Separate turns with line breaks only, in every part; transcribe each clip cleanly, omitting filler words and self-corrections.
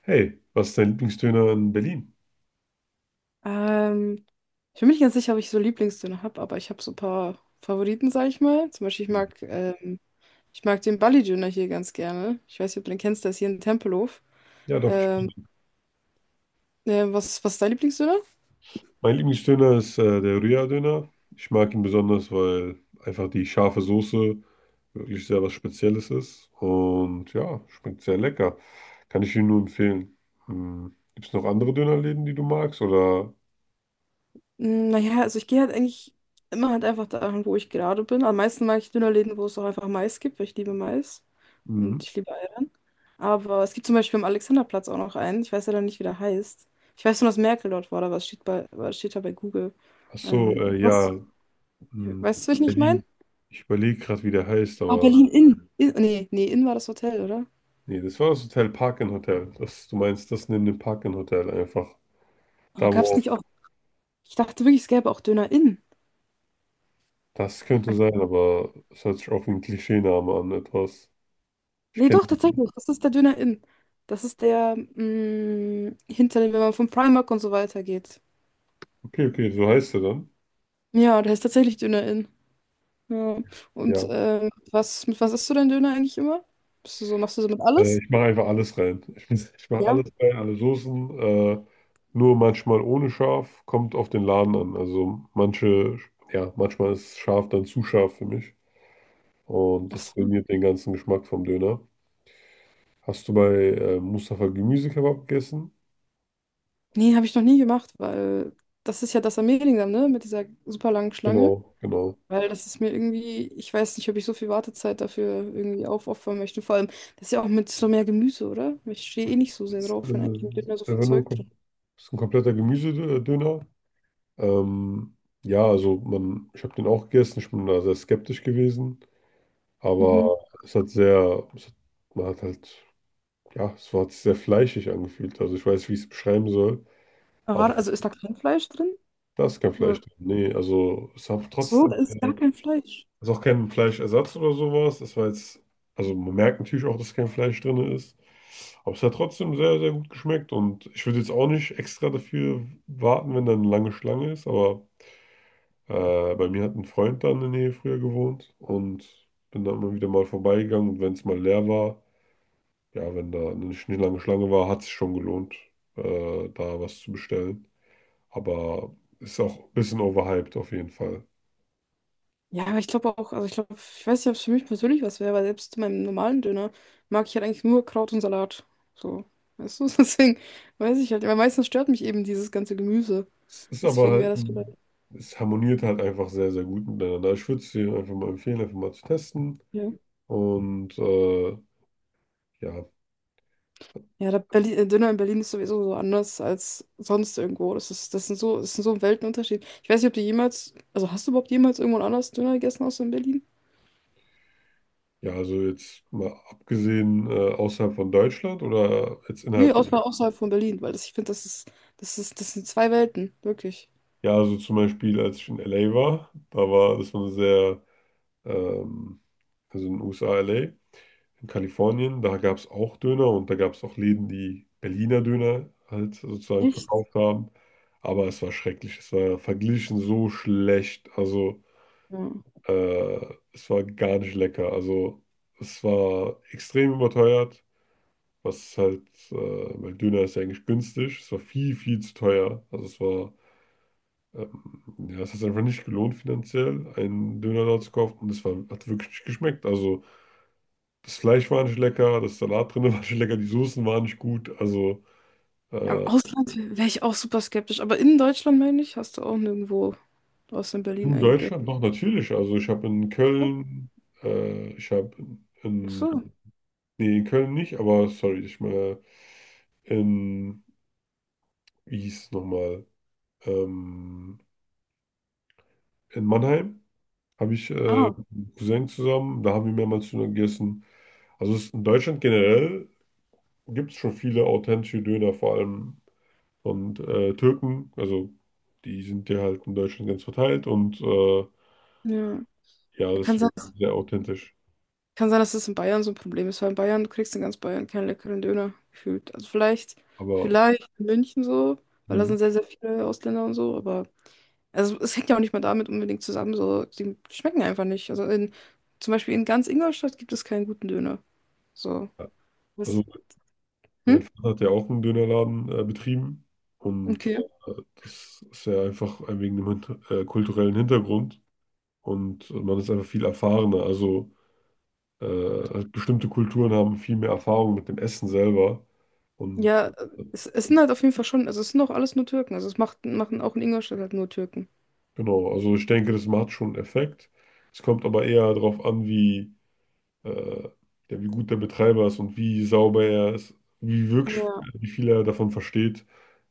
Hey, was ist dein Lieblingsdöner in Berlin?
Ähm, Ich bin mir nicht ganz sicher, ob ich so Lieblingsdöner habe, aber ich habe so ein paar Favoriten, sag ich mal. Zum Beispiel,
Hm.
ich mag den bali döner hier ganz gerne. Ich weiß nicht, ob du den kennst, der ist hier in Tempelhof.
Ja, doch, ich kenn
Ähm,
ihn.
was ist dein Lieblingsdöner?
Mein Lieblingsdöner ist der Rührdöner. Ich mag ihn besonders, weil einfach die scharfe Soße wirklich sehr was Spezielles ist. Und ja, schmeckt sehr lecker. Kann ich Ihnen nur empfehlen. Hm. Gibt es noch andere Dönerläden, die du magst? Oder
Naja, also ich gehe halt eigentlich immer halt einfach dahin, wo ich gerade bin. Am meisten mag ich Dönerläden, wo es auch einfach Mais gibt, weil ich liebe Mais
hm.
und ich liebe Eiern. Aber es gibt zum Beispiel am Alexanderplatz auch noch einen. Ich weiß ja dann nicht, wie der heißt. Ich weiß nur, dass Merkel dort war, aber es steht da bei Google.
Ach so,
Was?
ja, hm,
Weißt du, was ich nicht meine?
Berlin. Ich überlege gerade, wie der heißt,
Ah,
aber
Berlin Inn. Nee, nee, Inn war das Hotel, oder?
nee, das war das Hotel Park Hotel. Das, du meinst das neben dem Park Hotel einfach.
Aber
Da,
gab es
wo
nicht auch. Ich dachte wirklich, es gäbe auch Döner Inn.
das könnte sein, aber es hört sich auch wie ein Klischeename an, etwas. Ich
Nee,
kenne
doch,
die.
tatsächlich. Das ist der Döner Inn. Das ist der, hinter dem, wenn man vom Primark und so weiter geht.
Okay, okay, so heißt er dann.
Ja, der ist tatsächlich Döner Inn. Ja. Und
Ja.
mit was isst du denn Döner eigentlich immer? Bist du so, machst du so mit alles?
Ich mache einfach alles rein. Ich mache
Ja.
alles rein, alle Soßen. Nur manchmal ohne Schaf, kommt auf den Laden an. Also manche, ja, manchmal ist scharf dann zu scharf für mich. Und
Ach
das
so.
ruiniert den ganzen Geschmack vom Döner. Hast du bei Mustafa Gemüsekebab gegessen?
Nee, habe ich noch nie gemacht, weil das ist ja das am Mehlingdamm, ne? Mit dieser super langen Schlange.
Genau, genau.
Weil das ist mir irgendwie, ich weiß nicht, ob ich so viel Wartezeit dafür irgendwie aufopfern möchte. Vor allem, das ist ja auch mit so mehr Gemüse, oder? Ich stehe eh nicht so sehr
Das,
drauf, wenn eigentlich nicht mehr so
ist
viel
einfach nur
Zeug drin.
ist ein kompletter Gemüsedöner. Ähm, ja, also man, ich habe den auch gegessen, ich bin da sehr skeptisch gewesen,
Mhm.
aber es hat sehr, es hat, man hat halt, ja, hat sich sehr fleischig angefühlt. Also ich weiß nicht, wie ich es beschreiben soll,
Aber
aber
warte, also ist da kein Fleisch drin?
da ist kein
Oder?
Fleisch drin. Nee, also es hat
So,
trotzdem,
da ist gar kein Fleisch.
es ist auch kein Fleischersatz oder sowas. Also man merkt natürlich auch, dass kein Fleisch drin ist, aber es hat trotzdem sehr, sehr gut geschmeckt und ich würde jetzt auch nicht extra dafür warten, wenn da eine lange Schlange ist, aber. Bei mir hat ein Freund da in der Nähe früher gewohnt und bin da immer wieder mal vorbeigegangen. Und wenn es mal leer war, ja, wenn da eine nicht lange Schlange war, hat es sich schon gelohnt, da was zu bestellen. Aber ist auch ein bisschen overhyped auf jeden Fall.
Ja, aber ich glaube auch, also ich glaube, ich weiß nicht, ob es für mich persönlich was wäre, weil selbst zu meinem normalen Döner mag ich halt eigentlich nur Kraut und Salat. So, weißt du, deswegen weiß ich halt, weil meistens stört mich eben dieses ganze Gemüse.
Es ist aber
Deswegen wäre
halt,
das vielleicht.
es harmoniert halt einfach sehr, sehr gut miteinander. Ich würde es dir einfach mal empfehlen, einfach mal zu testen.
Ja.
Und ja,
Ja, der Döner in Berlin ist sowieso so anders als sonst irgendwo. Das ist so ein Weltenunterschied. Ich weiß nicht, ob du jemals, also hast du überhaupt jemals irgendwo anders Döner gegessen außer in Berlin?
ja, also jetzt mal abgesehen außerhalb von Deutschland oder jetzt
Nee,
innerhalb.
außerhalb von Berlin, weil das, ich finde, das sind zwei Welten, wirklich.
Ja, also zum Beispiel, als ich in LA war, da war, das war eine sehr, ähm, also in den USA, LA, in Kalifornien, da gab es auch Döner und da gab es auch Läden, die Berliner Döner halt sozusagen
Echt?
verkauft haben. Aber es war schrecklich, es war verglichen so schlecht, also
Ja.
äh, es war gar nicht lecker. Also es war extrem überteuert, was halt, äh, weil Döner ist ja eigentlich günstig, es war viel, viel zu teuer. Also es war ähm, ja, es hat einfach nicht gelohnt finanziell, einen Döner da zu kaufen und hat wirklich nicht geschmeckt. Also das Fleisch war nicht lecker, das Salat drin war nicht lecker, die Soßen waren nicht gut. Also
Ja, im
äh,
Ausland wäre ich auch super skeptisch, aber in Deutschland, meine ich, hast du auch nirgendwo außer in Berlin
in
eingegessen.
Deutschland doch natürlich. Also ich habe in
Ja?
Köln, ich habe
Ach so.
in, nee, in Köln nicht, aber sorry, ich meine in, wie hieß es nochmal, ähm, in Mannheim habe ich
Ah,
mit einem Cousin zusammen, da haben wir mehrmals Döner gegessen. Also es ist in Deutschland generell, gibt es schon viele authentische Döner, vor allem von Türken. Also die sind ja halt in Deutschland ganz verteilt und
ja.
ja,
Kann sein.
deswegen sehr authentisch.
Kann sein, dass das in Bayern so ein Problem ist, weil in Bayern, du kriegst in ganz Bayern keinen leckeren Döner gefühlt. Also
Aber
vielleicht in München so, weil da
hm,
sind sehr, sehr viele Ausländer und so, aber also es hängt ja auch nicht mal damit unbedingt zusammen, so, die schmecken einfach nicht. Also zum Beispiel in ganz Ingolstadt gibt es keinen guten Döner. So.
ja. Also
Was? Hm?
mein Vater hat ja auch einen Dönerladen betrieben und
Okay.
das ist ja einfach wegen dem kulturellen Hintergrund und man ist einfach viel erfahrener. Also halt bestimmte Kulturen haben viel mehr Erfahrung mit dem Essen selber und
Ja,
äh,
es sind halt auf jeden Fall schon, also es sind auch alles nur Türken. Also es macht, machen auch in Ingolstadt halt nur Türken.
genau, also ich denke, das macht schon einen Effekt. Es kommt aber eher darauf an, wie, äh, ja, wie gut der Betreiber ist und wie sauber er ist, wie wirklich,
Ja.
wie viel er davon versteht,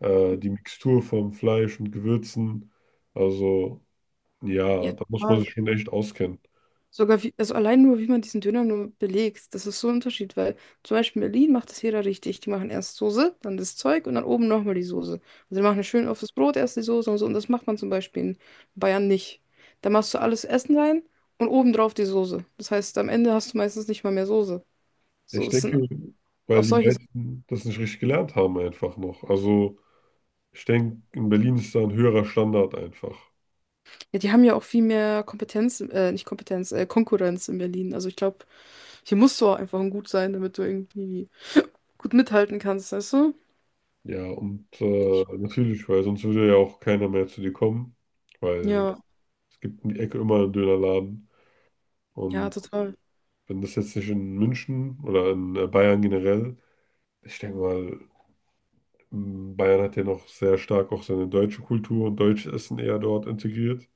die Mixtur vom Fleisch und Gewürzen. Also ja,
Ja,
da muss man
total.
sich schon echt auskennen.
Sogar wie, also allein nur, wie man diesen Döner nur belegt, das ist so ein Unterschied, weil zum Beispiel in Berlin macht das jeder richtig. Die machen erst Soße, dann das Zeug und dann oben nochmal die Soße. Also die machen schön auf das Brot erst die Soße und so. Und das macht man zum Beispiel in Bayern nicht. Da machst du alles Essen rein und obendrauf die Soße. Das heißt, am Ende hast du meistens nicht mal mehr Soße. So,
Ich
es sind
denke,
auch
weil die
solche Sachen.
meisten das nicht richtig gelernt haben einfach noch. Also ich denke, in Berlin ist da ein höherer Standard einfach.
Ja, die haben ja auch viel mehr Kompetenz, nicht Kompetenz, Konkurrenz in Berlin. Also ich glaube, hier musst du auch einfach gut sein, damit du irgendwie gut mithalten kannst, weißt du?
Ja, und
Denk ich.
natürlich, weil sonst würde ja auch keiner mehr zu dir kommen. Weil
Ja.
es gibt um die Ecke immer einen Dönerladen.
Ja,
Und
total.
wenn das jetzt nicht in München oder in Bayern generell, ich denke mal, Bayern hat ja noch sehr stark auch seine deutsche Kultur und deutsches Essen eher dort integriert.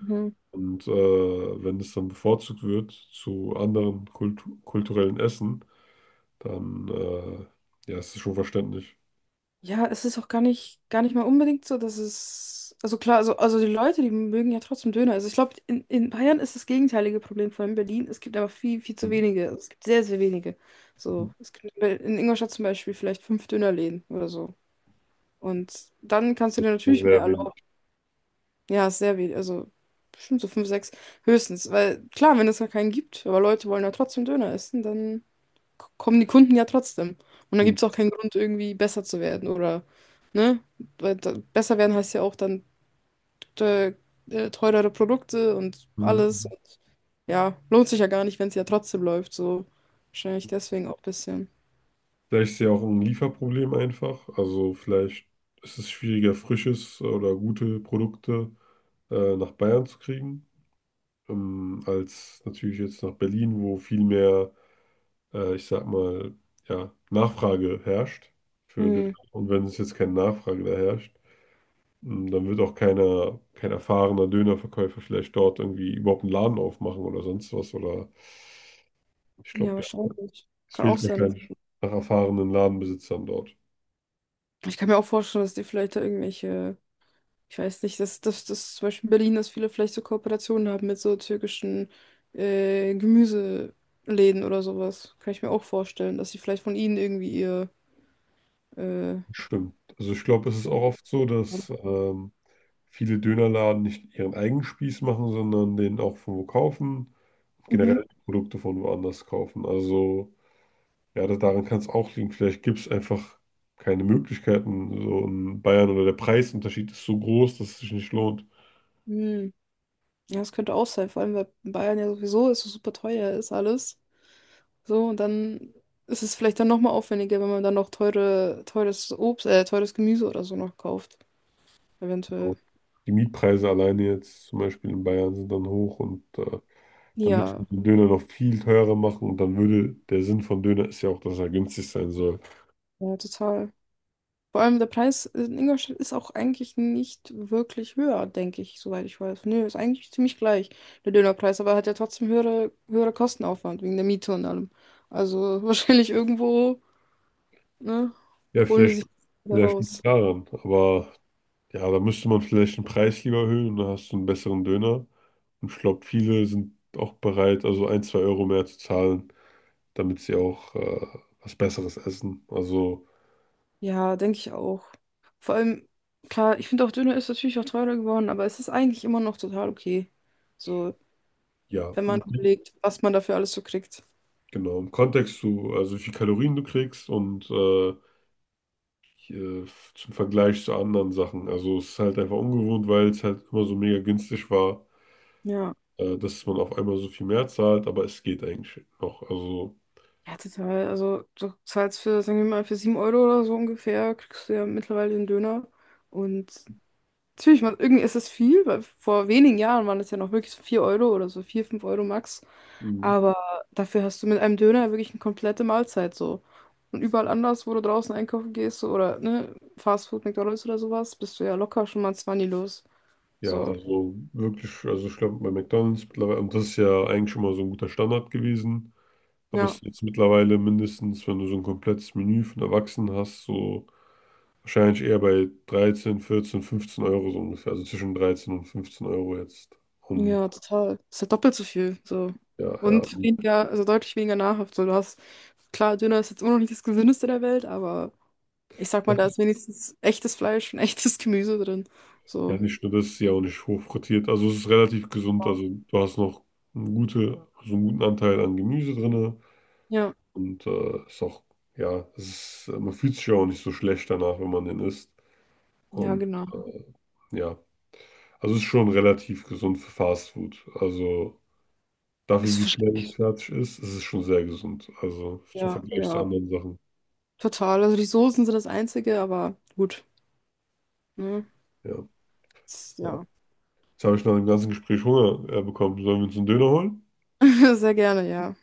Mhm.
Und wenn es dann bevorzugt wird zu anderen kulturellen Essen, dann ja, ist es schon verständlich.
Ja, es ist auch gar nicht mal unbedingt so, dass es. Also klar, also die Leute, die mögen ja trotzdem Döner. Also ich glaube, in Bayern ist das gegenteilige Problem von in Berlin. Es gibt aber viel, viel zu
Mhm.
wenige. Es gibt sehr, sehr wenige. So, es gibt in Ingolstadt zum Beispiel vielleicht fünf Dönerläden oder so. Und dann kannst du dir natürlich mehr
Sehr
erlauben.
wenig.
Ja, ist sehr wenig. Also bestimmt so fünf, sechs höchstens. Weil klar, wenn es gar keinen gibt, aber Leute wollen ja trotzdem Döner essen, dann. K- kommen die Kunden ja trotzdem. Und dann
Mhm.
gibt es auch keinen Grund, irgendwie besser zu werden oder, ne? Weil da, besser werden heißt ja auch dann te- teurere Produkte und alles.
Mhm.
Und ja, lohnt sich ja gar nicht, wenn es ja trotzdem läuft. So wahrscheinlich deswegen auch ein bisschen.
Vielleicht ist ja auch ein Lieferproblem einfach. Also vielleicht ist es schwieriger, frisches oder gute Produkte nach Bayern zu kriegen, als natürlich jetzt nach Berlin, wo viel mehr, ich sag mal, ja, Nachfrage herrscht für Döner.
Hm,
Und wenn es jetzt keine Nachfrage da herrscht, dann wird auch keiner, kein erfahrener Dönerverkäufer vielleicht dort irgendwie überhaupt einen Laden aufmachen oder sonst was. Oder ich
ja,
glaube, ja,
wahrscheinlich.
es
Kann auch
fehlt
sein. Dass-
wahrscheinlich nach erfahrenen Ladenbesitzern dort.
ich kann mir auch vorstellen, dass die vielleicht da irgendwelche. Ich weiß nicht, dass zum Beispiel in Berlin, dass viele vielleicht so Kooperationen haben mit so türkischen Gemüseläden oder sowas. Kann ich mir auch vorstellen, dass sie vielleicht von ihnen irgendwie ihr. Äh,
Stimmt. Also ich glaube, es ist auch oft so, dass viele Dönerladen nicht ihren eigenen Spieß machen, sondern den auch von wo kaufen,
mhm.
generell die Produkte von woanders kaufen. Also ja, daran kann es auch liegen. Vielleicht gibt es einfach keine Möglichkeiten, so in Bayern oder der Preisunterschied ist so groß, dass es sich nicht lohnt.
Hm. Ja, das könnte auch sein, vor allem weil in Bayern ja sowieso ist so super teuer ist alles. So, und dann ist es vielleicht dann nochmal aufwendiger, wenn man dann noch teure, teures Obst, teures Gemüse oder so noch kauft.
Genau.
Eventuell.
Die Mietpreise alleine jetzt zum Beispiel in Bayern sind dann hoch und da müssen
Ja,
wir den Döner noch viel teurer machen und dann würde der Sinn von Döner ist ja auch, dass er günstig sein soll.
ja, total. Vor allem der Preis in Ingolstadt ist auch eigentlich nicht wirklich höher, denke ich, soweit ich weiß. Nö, ist eigentlich ziemlich gleich, der Dönerpreis, aber er hat ja trotzdem höhere Kostenaufwand wegen der Miete und allem. Also wahrscheinlich irgendwo, ne,
Ja,
holen die sich da
vielleicht liegt es
raus.
daran. Aber ja, da müsste man vielleicht den Preis lieber erhöhen und dann hast du einen besseren Döner. Und ich glaube, viele sind auch bereit, also 1, 2 Euro mehr zu zahlen, damit sie auch was Besseres essen. Also
Ja, denke ich auch. Vor allem, klar, ich finde auch Döner ist natürlich auch teurer geworden, aber es ist eigentlich immer noch total okay. So,
ja,
wenn man
mhm.
überlegt, was man dafür alles so kriegt.
Genau. Im Kontext zu, also wie viel Kalorien du kriegst und hier, zum Vergleich zu anderen Sachen. Also es ist halt einfach ungewohnt, weil es halt immer so mega günstig war,
Ja.
dass man auf einmal so viel mehr zahlt, aber es geht eigentlich noch. Also.
Ja, total. Also du zahlst für, sagen wir mal, für 7 Euro oder so ungefähr, kriegst du ja mittlerweile den Döner. Und natürlich, man, irgendwie ist es viel, weil vor wenigen Jahren waren es ja noch wirklich so 4 Euro oder so 4 5 Euro max.
Mhm.
Aber dafür hast du mit einem Döner wirklich eine komplette Mahlzeit so. Und überall anders, wo du draußen einkaufen gehst so, oder ne, Fast Food, McDonald's oder sowas, bist du ja locker schon mal 20 los.
Ja,
So,
also wirklich, also ich glaube bei McDonald's mittlerweile, und das ist ja eigentlich schon mal so ein guter Standard gewesen, aber es
ja.
ist jetzt mittlerweile mindestens, wenn du so ein komplettes Menü von Erwachsenen hast, so wahrscheinlich eher bei 13, 14, 15 Euro so ungefähr, also zwischen 13 und 15 Euro jetzt. Und
Ja, total. Ist halt doppelt so viel. So.
ja, ja.
Und weniger, also deutlich weniger nahrhaft. So, du hast, klar, Döner ist jetzt immer noch nicht das Gesündeste der Welt, aber ich sag mal, da ist wenigstens echtes Fleisch und echtes Gemüse drin.
Ja,
So.
nicht nur das, ist ja auch nicht hochfrittiert, also es ist relativ gesund, also du hast noch eine gute, so einen guten Anteil an Gemüse drin
Ja,
und ist auch, ja, es ist, man fühlt sich ja auch nicht so schlecht danach, wenn man den isst.
ja,
Und
genau.
äh, ja, also es ist schon relativ gesund für Fast Food. Also dafür,
Ist
wie schnell es
verschlechtert.
fertig ist, ist es schon sehr gesund. Also zum
Ja,
Vergleich zu
ja.
anderen Sachen.
Total. Also die Soßen sind das Einzige, aber gut. Ne?
Ja,
Ist-
ja.
Ja.
Jetzt habe ich nach dem ganzen Gespräch Hunger bekommen. Sollen wir uns einen Döner holen?
Sehr gerne, ja.